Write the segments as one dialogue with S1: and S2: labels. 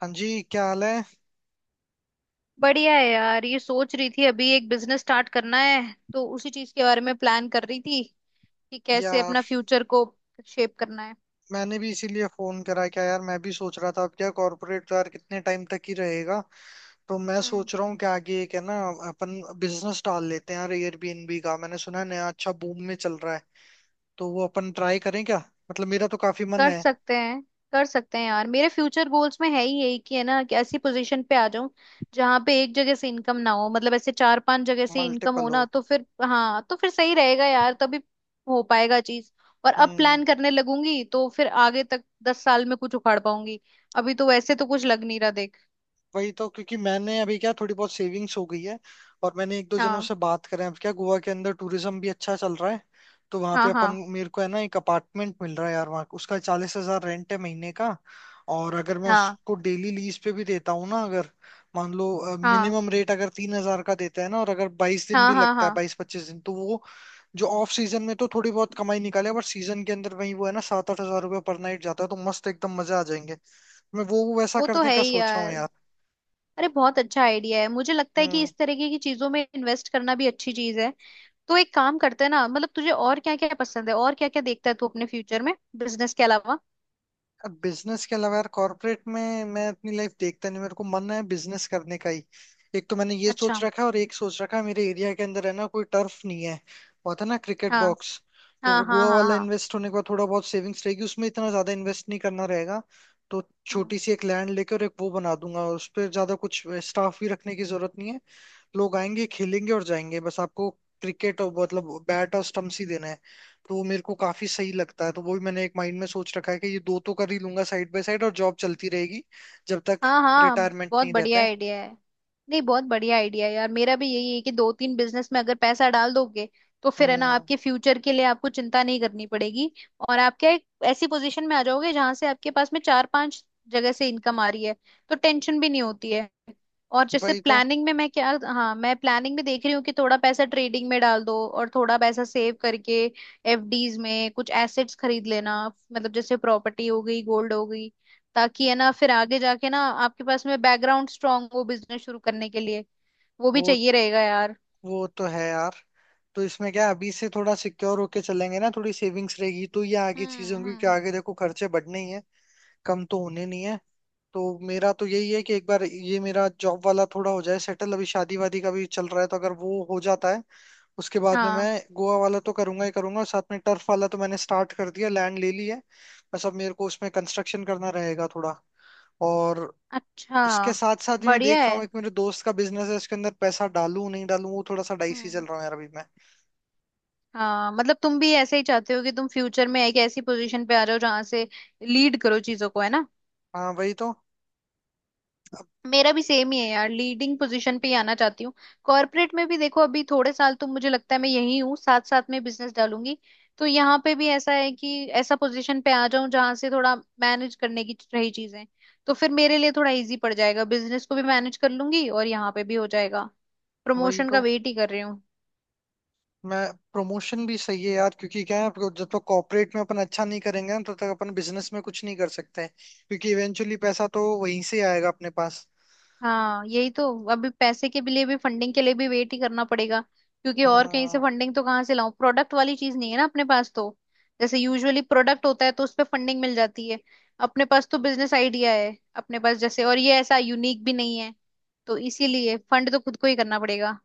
S1: हाँ जी, क्या हाल है?
S2: बढ़िया है यार। ये सोच रही थी अभी एक बिजनेस स्टार्ट करना है तो उसी चीज के बारे में प्लान कर रही थी कि कैसे
S1: यार
S2: अपना फ्यूचर को शेप करना है।
S1: मैंने भी इसीलिए फोन करा। क्या यार, मैं भी सोच रहा था अब क्या कॉर्पोरेट तो यार कितने टाइम तक ही रहेगा। तो मैं
S2: हम्म।
S1: सोच रहा हूँ कि आगे एक है ना अपन बिजनेस डाल लेते हैं यार। एयरबीएनबी का मैंने सुना है, नया अच्छा बूम में चल रहा है। तो वो अपन ट्राई करें क्या? मतलब मेरा तो काफी मन
S2: कर
S1: है।
S2: सकते हैं। कर सकते हैं यार, मेरे फ्यूचर गोल्स में है ही यही कि है ना कि ऐसी पोजीशन पे आ जाऊं जहां पे एक जगह से इनकम ना हो, मतलब ऐसे चार पांच जगह से इनकम हो
S1: मल्टीपल हो।
S2: ना, तो फिर हाँ तो फिर सही रहेगा यार, तभी हो पाएगा चीज। और अब
S1: हम्म।
S2: प्लान करने लगूंगी तो फिर आगे तक 10 साल में कुछ उखाड़ पाऊंगी। अभी तो वैसे तो कुछ लग नहीं रहा देख।
S1: वही तो, क्योंकि मैंने अभी क्या थोड़ी बहुत सेविंग्स हो गई है। और मैंने एक दो जनों
S2: हाँ,
S1: से बात करें। अब क्या गोवा के अंदर टूरिज्म भी अच्छा चल रहा है। तो वहां पे
S2: हाँ, हाँ,
S1: अपन मेरे को है ना एक अपार्टमेंट मिल रहा है यार वहाँ। उसका 40 हजार रेंट है महीने का। और अगर मैं
S2: हाँ,
S1: उसको डेली लीज पे भी देता हूँ ना, अगर मान लो
S2: हाँ,
S1: मिनिमम रेट अगर 3 हजार का देता है ना। और अगर 22 दिन
S2: हाँ,
S1: भी
S2: हाँ,
S1: लगता
S2: हाँ।
S1: है, 22-25 दिन, तो वो जो ऑफ सीजन में तो थोड़ी बहुत कमाई निकाले, बट सीजन के अंदर वही वो है ना 7-8 हजार रुपये पर नाइट जाता है। तो मस्त एकदम मजा आ जाएंगे। मैं वो वैसा
S2: वो तो
S1: करने
S2: है
S1: का
S2: ही
S1: सोच रहा हूँ।
S2: यार। अरे बहुत अच्छा आइडिया है, मुझे लगता है कि
S1: हम्म।
S2: इस तरीके की चीजों में इन्वेस्ट करना भी अच्छी चीज है। तो एक काम करते हैं ना, मतलब तुझे और क्या क्या पसंद है और क्या क्या देखता है तू अपने फ्यूचर में बिजनेस के अलावा।
S1: अब बिजनेस के अलावा यार कॉर्पोरेट में मैं अपनी लाइफ देखता नहीं, मेरे को मन है बिजनेस करने का ही। एक तो मैंने ये
S2: अच्छा।
S1: सोच रखा है, और एक सोच रखा है मेरे एरिया के अंदर है ना कोई टर्फ नहीं है। वो था ना क्रिकेट
S2: हाँ,
S1: बॉक्स। तो
S2: हाँ,
S1: वो
S2: हाँ,
S1: गोवा
S2: हाँ,
S1: वाला
S2: हाँ।
S1: इन्वेस्ट होने के बाद थोड़ा बहुत सेविंग्स रहेगी, उसमें इतना ज्यादा इन्वेस्ट नहीं करना रहेगा। तो
S2: हम्म।
S1: छोटी सी एक लैंड लेकर एक वो बना दूंगा, उस पर ज्यादा कुछ स्टाफ भी रखने की जरूरत नहीं है। लोग आएंगे खेलेंगे और जाएंगे, बस आपको क्रिकेट, और मतलब बैट और स्टम्प्स ही देना है। तो वो मेरे को काफी सही लगता है। तो वो भी मैंने एक माइंड में सोच रखा है कि ये दो तो कर ही लूंगा साइड बाय साइड, और जॉब चलती रहेगी जब तक
S2: हाँ, हाँ।
S1: रिटायरमेंट
S2: बहुत
S1: नहीं रहता
S2: बढ़िया
S1: है।
S2: आइडिया है। नहीं, बहुत बढ़िया आइडिया है यार, मेरा भी यही है कि दो तीन बिजनेस में अगर पैसा डाल दोगे तो फिर है ना,
S1: हम्म।
S2: आपके फ्यूचर के लिए आपको चिंता नहीं करनी पड़ेगी। और आप क्या, एक ऐसी पोजीशन में आ जाओगे जहां से आपके पास में चार पांच जगह से इनकम आ रही है, तो टेंशन भी नहीं होती है। और जैसे
S1: वही तो।
S2: प्लानिंग में मैं क्या हाँ, मैं प्लानिंग में देख रही हूँ कि थोड़ा पैसा ट्रेडिंग में डाल दो और थोड़ा पैसा सेव करके एफडीज में कुछ एसेट्स खरीद लेना, मतलब जैसे प्रॉपर्टी हो गई, गोल्ड हो गई, ताकि है ना, फिर आगे जाके ना आपके पास में बैकग्राउंड स्ट्रांग हो बिजनेस शुरू करने के लिए, वो भी
S1: वो
S2: चाहिए रहेगा यार।
S1: वो तो है यार। तो इसमें क्या है, अभी से थोड़ा सिक्योर होके चलेंगे ना, थोड़ी सेविंग्स रहेगी तो ये आगे चीजें
S2: हम्म।
S1: होंगी कि
S2: हम्म।
S1: आगे देखो खर्चे बढ़ने ही है, कम तो होने नहीं है। तो मेरा तो यही है कि एक बार ये मेरा जॉब वाला थोड़ा हो जाए सेटल, अभी शादी वादी का भी चल रहा है, तो अगर वो हो जाता है उसके बाद में मैं
S2: हाँ।
S1: गोवा वाला तो करूंगा ही करूंगा, और साथ में टर्फ वाला तो मैंने स्टार्ट कर दिया, लैंड ले ली है। बस अब मेरे को उसमें कंस्ट्रक्शन करना रहेगा थोड़ा। और
S2: अच्छा।
S1: उसके साथ साथ ही मैं
S2: बढ़िया
S1: देख रहा हूँ
S2: है।
S1: एक मेरे दोस्त का बिजनेस है उसके अंदर पैसा डालूं नहीं डालूं, वो थोड़ा सा डाइसी चल
S2: हम्म।
S1: रहा है यार अभी मैं।
S2: हाँ, मतलब तुम भी ऐसे ही चाहते हो कि तुम फ्यूचर में एक ऐसी पोजीशन पे आ जाओ जहां से लीड करो चीजों को, है ना।
S1: हाँ, वही तो।
S2: मेरा भी सेम ही है यार, लीडिंग पोजीशन पे ही आना चाहती हूँ। कॉर्पोरेट में भी देखो, अभी थोड़े साल तो मुझे लगता है मैं यही हूँ, साथ साथ में बिजनेस डालूंगी। तो यहाँ पे भी ऐसा है कि ऐसा पोजीशन पे आ जाऊं जहाँ से थोड़ा मैनेज करने की रही चीजें, तो फिर मेरे लिए थोड़ा इजी पड़ जाएगा, बिजनेस को भी मैनेज कर लूंगी और यहाँ पे भी हो जाएगा।
S1: वही
S2: प्रमोशन का
S1: तो।
S2: वेट ही कर रही।
S1: मैं प्रमोशन भी सही है यार, क्योंकि क्या है आपको जब तक कॉर्पोरेट में अपन अच्छा नहीं करेंगे ना, तब तक अपन बिजनेस में कुछ नहीं कर सकते, क्योंकि इवेंचुअली पैसा तो वहीं से आएगा अपने पास।
S2: हाँ, यही तो। अभी पैसे के लिए भी, फंडिंग के लिए भी वेट ही करना पड़ेगा, क्योंकि और कहीं से
S1: हाँ,
S2: फंडिंग तो कहाँ से लाऊं, प्रोडक्ट वाली चीज नहीं है ना अपने पास, तो जैसे यूजुअली प्रोडक्ट होता है तो उस पे फंडिंग मिल जाती है। अपने पास तो बिजनेस आइडिया है, अपने पास जैसे, और ये ऐसा यूनिक भी नहीं है, तो इसीलिए फंड तो खुद को ही करना पड़ेगा।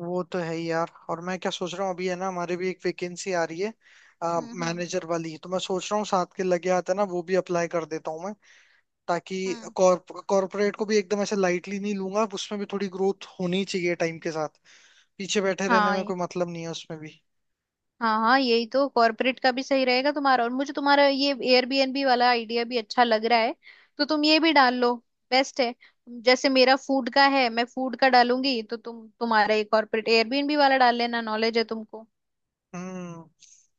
S1: वो तो है ही यार। और मैं क्या सोच रहा हूँ अभी है ना हमारे भी एक वैकेंसी आ रही है,
S2: हम्म। हम्म।
S1: मैनेजर वाली। तो मैं सोच रहा हूँ साथ के लगे हाथ है ना वो भी अप्लाई कर देता हूँ मैं, ताकि
S2: हम्म।
S1: कॉर्पोरेट को भी एकदम ऐसे लाइटली नहीं लूंगा, उसमें भी थोड़ी ग्रोथ होनी चाहिए टाइम के साथ। पीछे बैठे रहने में
S2: हाँ,
S1: कोई मतलब नहीं है उसमें भी।
S2: हाँ, हाँ, यही तो। कॉर्पोरेट का भी सही रहेगा तुम्हारा, और मुझे तुम्हारा ये एयरबीएनबी वाला आइडिया भी अच्छा लग रहा है, तो तुम ये भी डाल लो। बेस्ट है। जैसे मेरा फूड का है, मैं फूड का डालूंगी, तो तुम तुम्हारा ये कॉर्पोरेट एयरबीएनबी वाला डाल लेना, नॉलेज है तुमको।
S1: हम्म।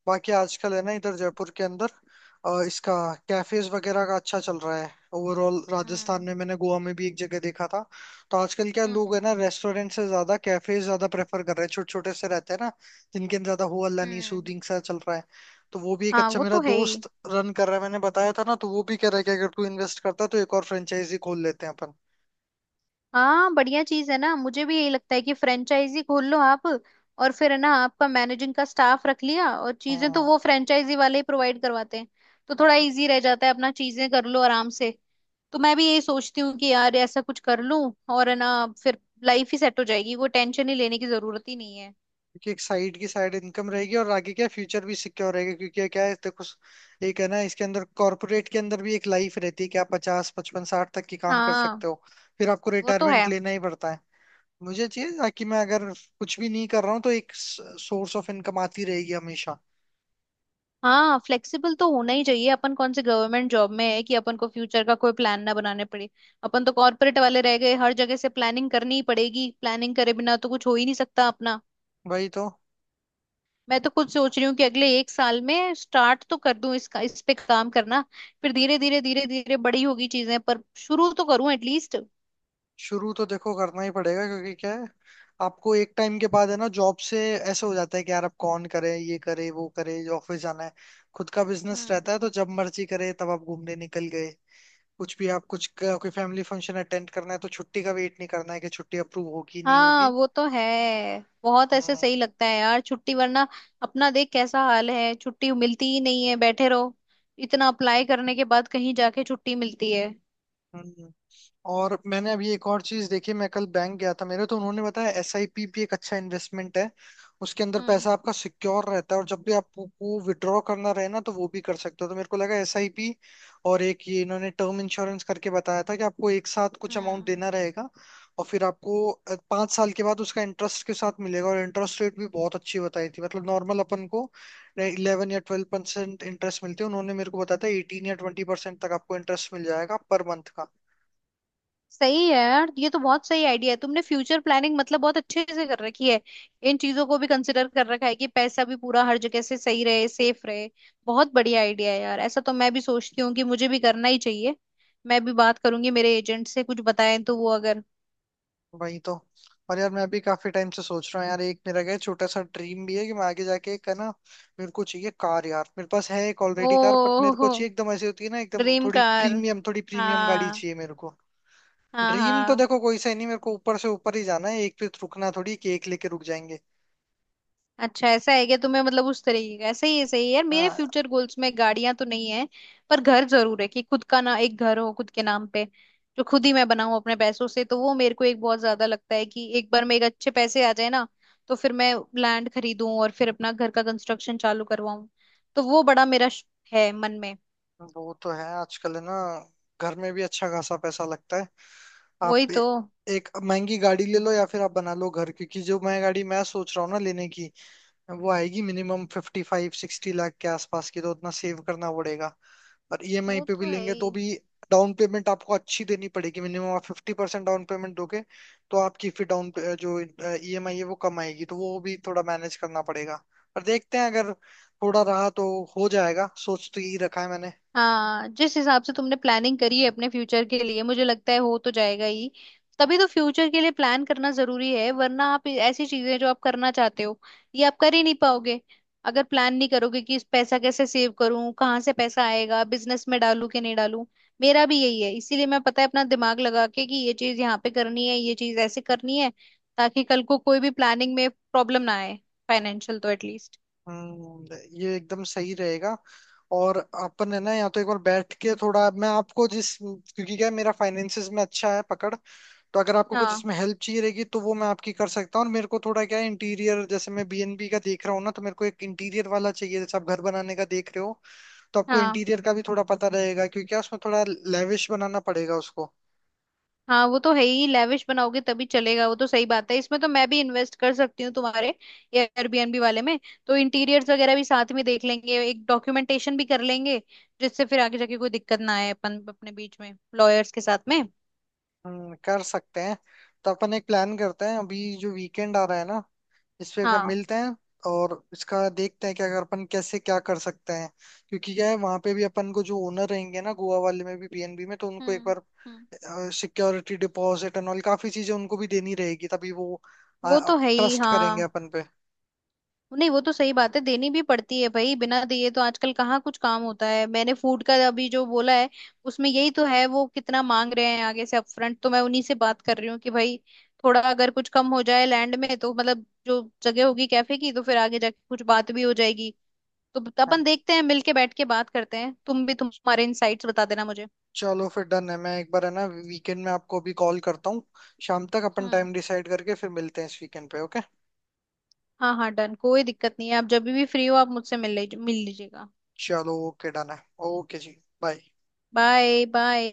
S1: बाकी आजकल है ना इधर जयपुर के अंदर इसका कैफेज वगैरह का अच्छा चल रहा है। ओवरऑल राजस्थान
S2: हम्म।
S1: में, मैंने गोवा में भी एक जगह देखा था। तो आजकल क्या लोग
S2: हम्म।
S1: है ना रेस्टोरेंट से ज्यादा कैफेज ज्यादा प्रेफर कर रहे हैं, छोटे छोटे से रहते हैं ना, जिनके अंदर ज्यादा हो अल्ला नहीं,
S2: हम्म।
S1: सूदिंग सा चल रहा है। तो वो भी एक
S2: हाँ,
S1: अच्छा
S2: वो
S1: मेरा
S2: तो है ही।
S1: दोस्त रन कर रहा है, मैंने बताया था ना। तो वो भी कह रहा है कि अगर तू इन्वेस्ट करता है तो एक और फ्रेंचाइजी खोल लेते हैं अपन।
S2: हाँ, बढ़िया चीज है ना, मुझे भी यही लगता है कि फ्रेंचाइजी खोल लो आप, और फिर है ना, आपका मैनेजिंग का स्टाफ रख लिया और चीजें तो
S1: हाँ।
S2: वो फ्रेंचाइजी वाले ही प्रोवाइड करवाते हैं, तो थोड़ा इजी रह जाता है, अपना चीजें कर लो आराम से। तो मैं भी यही सोचती हूँ कि यार ऐसा कुछ कर लूं, और है ना, फिर लाइफ ही सेट हो जाएगी, कोई टेंशन ही लेने की जरूरत ही नहीं है।
S1: क्योंकि एक साइड की साइड इनकम रहेगी, और आगे क्या फ्यूचर भी सिक्योर रहेगा, क्योंकि ये क्या है देखो एक है ना इसके अंदर कॉर्पोरेट के अंदर भी एक लाइफ रहती है कि आप 50-55-60 तक की काम कर
S2: हाँ,
S1: सकते हो। फिर आपको
S2: वो तो
S1: रिटायरमेंट
S2: है।
S1: लेना ही पड़ता है। मुझे चाहिए ताकि मैं अगर कुछ भी नहीं कर रहा हूँ तो एक सोर्स ऑफ इनकम आती रहेगी हमेशा।
S2: हाँ, फ्लेक्सिबल तो होना ही चाहिए, अपन कौन से गवर्नमेंट जॉब में है कि अपन को फ्यूचर का कोई प्लान ना बनाने पड़े। अपन तो कॉर्पोरेट वाले रह गए, हर जगह से प्लानिंग करनी ही पड़ेगी, प्लानिंग करे बिना तो कुछ हो ही नहीं सकता अपना।
S1: वही तो।
S2: मैं तो खुद सोच रही हूँ कि अगले एक साल में स्टार्ट तो कर दूं इसका, इस पे काम करना। फिर धीरे धीरे धीरे धीरे बड़ी होगी चीजें, पर शुरू तो करूं एटलीस्ट।
S1: शुरू तो देखो करना ही पड़ेगा, क्योंकि क्या है आपको एक टाइम के बाद है ना जॉब से ऐसा हो जाता है कि यार अब कौन करे, ये करे वो करे, ऑफिस जाना है। खुद का बिजनेस
S2: हम्म।
S1: रहता है तो जब मर्जी करे तब आप घूमने निकल गए। कुछ भी आप कोई फैमिली फंक्शन अटेंड करना है तो छुट्टी का वेट नहीं करना है कि छुट्टी अप्रूव होगी नहीं
S2: हाँ,
S1: होगी।
S2: वो तो है। बहुत ऐसे
S1: हम्म।
S2: सही लगता है यार छुट्टी, वरना अपना देख कैसा हाल है, छुट्टी मिलती ही नहीं है, बैठे रहो, इतना अप्लाई करने के बाद कहीं जाके छुट्टी मिलती है।
S1: हम्म। और मैंने अभी एक और चीज देखी, मैं कल बैंक गया था मेरे, तो उन्होंने बताया SIP भी एक अच्छा इन्वेस्टमेंट है। उसके अंदर
S2: हम्म।
S1: पैसा आपका सिक्योर रहता है, और जब भी आपको विड्रॉ करना रहे ना तो वो भी कर सकते हो। तो मेरे को लगा SIP। और एक ये इन्होंने टर्म इंश्योरेंस करके बताया था कि आपको एक साथ कुछ अमाउंट
S2: हम्म।
S1: देना रहेगा, और फिर आपको 5 साल के बाद उसका इंटरेस्ट के साथ मिलेगा। और इंटरेस्ट रेट भी बहुत अच्छी बताई थी, मतलब नॉर्मल अपन को 11 या 12% इंटरेस्ट मिलते हैं, उन्होंने मेरे को बताया था 18 या 20% तक आपको इंटरेस्ट मिल जाएगा पर मंथ।
S2: सही है यार, ये तो बहुत सही आइडिया है, तुमने फ्यूचर प्लानिंग मतलब बहुत अच्छे से कर रखी है, इन चीजों को भी कंसिडर कर रखा है कि पैसा भी पूरा हर जगह से सही रहे, सेफ रहे। बहुत बढ़िया आइडिया है यार, ऐसा तो मैं भी सोचती हूँ कि मुझे भी करना ही चाहिए, मैं भी बात करूंगी मेरे एजेंट से, कुछ बताएं तो वो अगर।
S1: वही तो। और यार मैं भी काफी टाइम से सोच रहा हूँ यार, एक मेरा क्या है, छोटा सा ड्रीम भी है कि मैं आगे जाके एक है ना मेरे को चाहिए कार यार। मेरे पास है एक
S2: ओ,
S1: ऑलरेडी कार, बट मेरे को चाहिए एकदम, ऐसी होती है ना एकदम
S2: ड्रीम
S1: थोड़ी
S2: कार।
S1: प्रीमियम, थोड़ी प्रीमियम गाड़ी
S2: हाँ,
S1: चाहिए मेरे को।
S2: हाँ,
S1: ड्रीम तो
S2: हाँ।
S1: देखो कोई सा ही नहीं, मेरे को ऊपर से ऊपर ही जाना है, एक पे रुकना थोड़ी केक लेके रुक जाएंगे।
S2: अच्छा, ऐसा है क्या, तुम्हें मतलब उस तरीके का ऐसा ही है, सही है यार। मेरे
S1: हाँ,
S2: फ्यूचर गोल्स में गाड़ियां तो नहीं है, पर घर जरूर है कि खुद का ना, एक घर हो खुद के नाम पे, जो खुद ही मैं बनाऊं अपने पैसों से, तो वो मेरे को एक बहुत ज्यादा लगता है कि एक बार मेरे अच्छे पैसे आ जाए ना, तो फिर मैं लैंड खरीदूं और फिर अपना घर का कंस्ट्रक्शन चालू करवाऊं। तो वो बड़ा मेरा है मन में।
S1: वो तो है आजकल है ना, घर में भी अच्छा खासा पैसा लगता है।
S2: वही
S1: आप
S2: तो।
S1: एक महंगी गाड़ी ले लो या फिर आप बना लो घर, क्योंकि जो मैं गाड़ी मैं सोच रहा हूँ ना लेने की, वो आएगी मिनिमम 55-60 लाख के आसपास की, तो उतना सेव करना पड़ेगा। और EMI
S2: वो
S1: पे भी
S2: तो है
S1: लेंगे
S2: ही।
S1: तो भी डाउन पेमेंट आपको अच्छी देनी पड़ेगी, मिनिमम आप 50% डाउन पेमेंट दोगे तो आपकी फिर डाउन, जो EMI है वो कम आएगी, तो वो भी थोड़ा मैनेज करना पड़ेगा। और देखते हैं अगर थोड़ा रहा तो हो जाएगा, सोच तो यही रखा है मैंने।
S2: हाँ, जिस हिसाब से तुमने प्लानिंग करी है अपने फ्यूचर के लिए, मुझे लगता है हो तो जाएगा ही। तभी तो फ्यूचर के लिए प्लान करना जरूरी है, वरना आप ऐसी चीजें जो आप करना चाहते हो, ये आप कर ही नहीं पाओगे अगर प्लान नहीं करोगे कि इस पैसा कैसे सेव करूं, कहाँ से पैसा आएगा, बिजनेस में डालूं कि नहीं डालूं। मेरा भी यही है, इसीलिए मैं पता है अपना दिमाग लगा के कि ये चीज यहाँ पे करनी है, ये चीज ऐसे करनी है, ताकि कल को कोई भी प्लानिंग में प्रॉब्लम ना आए, फाइनेंशियल तो एटलीस्ट।
S1: हम्म। ये एकदम सही रहेगा। और अपन है ना या तो एक बार बैठ के थोड़ा मैं आपको जिस, क्योंकि क्या है, मेरा फाइनेंसिस में अच्छा है पकड़। तो अगर आपको कुछ
S2: हाँ,
S1: इसमें हेल्प चाहिए रहेगी तो वो मैं आपकी कर सकता हूँ। और मेरे को थोड़ा क्या है इंटीरियर, जैसे मैं बीएनबी का देख रहा हूँ ना तो मेरे को एक इंटीरियर वाला चाहिए, जैसे आप घर बनाने का देख रहे हो तो आपको
S2: हाँ।
S1: इंटीरियर का भी थोड़ा पता रहेगा, क्योंकि क्या उसमें थोड़ा लेविश बनाना पड़ेगा उसको।
S2: हाँ, वो तो है ही, लेविश बनाओगे तभी चलेगा, वो तो सही बात है, इसमें तो मैं भी इन्वेस्ट कर सकती हूँ तुम्हारे एयरबीएनबी वाले में। तो इंटीरियर्स वगैरह भी साथ में देख लेंगे, एक डॉक्यूमेंटेशन भी कर लेंगे, जिससे फिर आगे जाके कोई दिक्कत ना आए अपन अपने बीच में लॉयर्स के साथ में।
S1: कर सकते हैं। तो अपन एक प्लान करते हैं, अभी जो वीकेंड आ रहा है ना इस पे अगर
S2: हाँ।
S1: मिलते हैं, और इसका देखते हैं कि अगर अपन कैसे क्या कर सकते हैं। क्योंकि क्या है वहां पे भी अपन को जो ओनर रहेंगे ना गोवा वाले में भी, बीएनबी में, तो उनको एक
S2: हम्म।
S1: बार
S2: हम्म।
S1: सिक्योरिटी डिपॉजिट एंड ऑल काफी चीजें उनको भी देनी रहेगी, तभी वो
S2: वो तो है ही।
S1: ट्रस्ट करेंगे
S2: हाँ,
S1: अपन पे।
S2: नहीं, वो तो सही बात है, देनी भी पड़ती है भाई, बिना दिए तो आजकल कहाँ कुछ काम होता है, मैंने फूड का अभी जो बोला है उसमें यही तो है, वो कितना मांग रहे हैं आगे से अपफ्रंट, तो मैं उन्हीं से बात कर रही हूँ कि भाई थोड़ा अगर कुछ कम हो जाए लैंड में तो, मतलब जो जगह होगी कैफे की, तो फिर आगे जाके कुछ बात भी हो जाएगी। तो
S1: हाँ,
S2: अपन देखते हैं, मिलके बैठ के बात करते हैं, तुम भी तुम्हारे इनसाइट्स बता देना मुझे।
S1: चलो फिर डन है। मैं एक बार है ना वीकेंड में आपको अभी कॉल करता हूँ, शाम तक अपन
S2: हम्म।
S1: टाइम डिसाइड करके फिर मिलते हैं इस वीकेंड पे, ओके।
S2: हाँ, हाँ, डन, कोई दिक्कत नहीं है, आप जब भी फ्री हो आप मुझसे मिल लीजिए, मिल लीजिएगा।
S1: चलो, ओके, डन है। ओके जी। बाय।
S2: Bye, bye.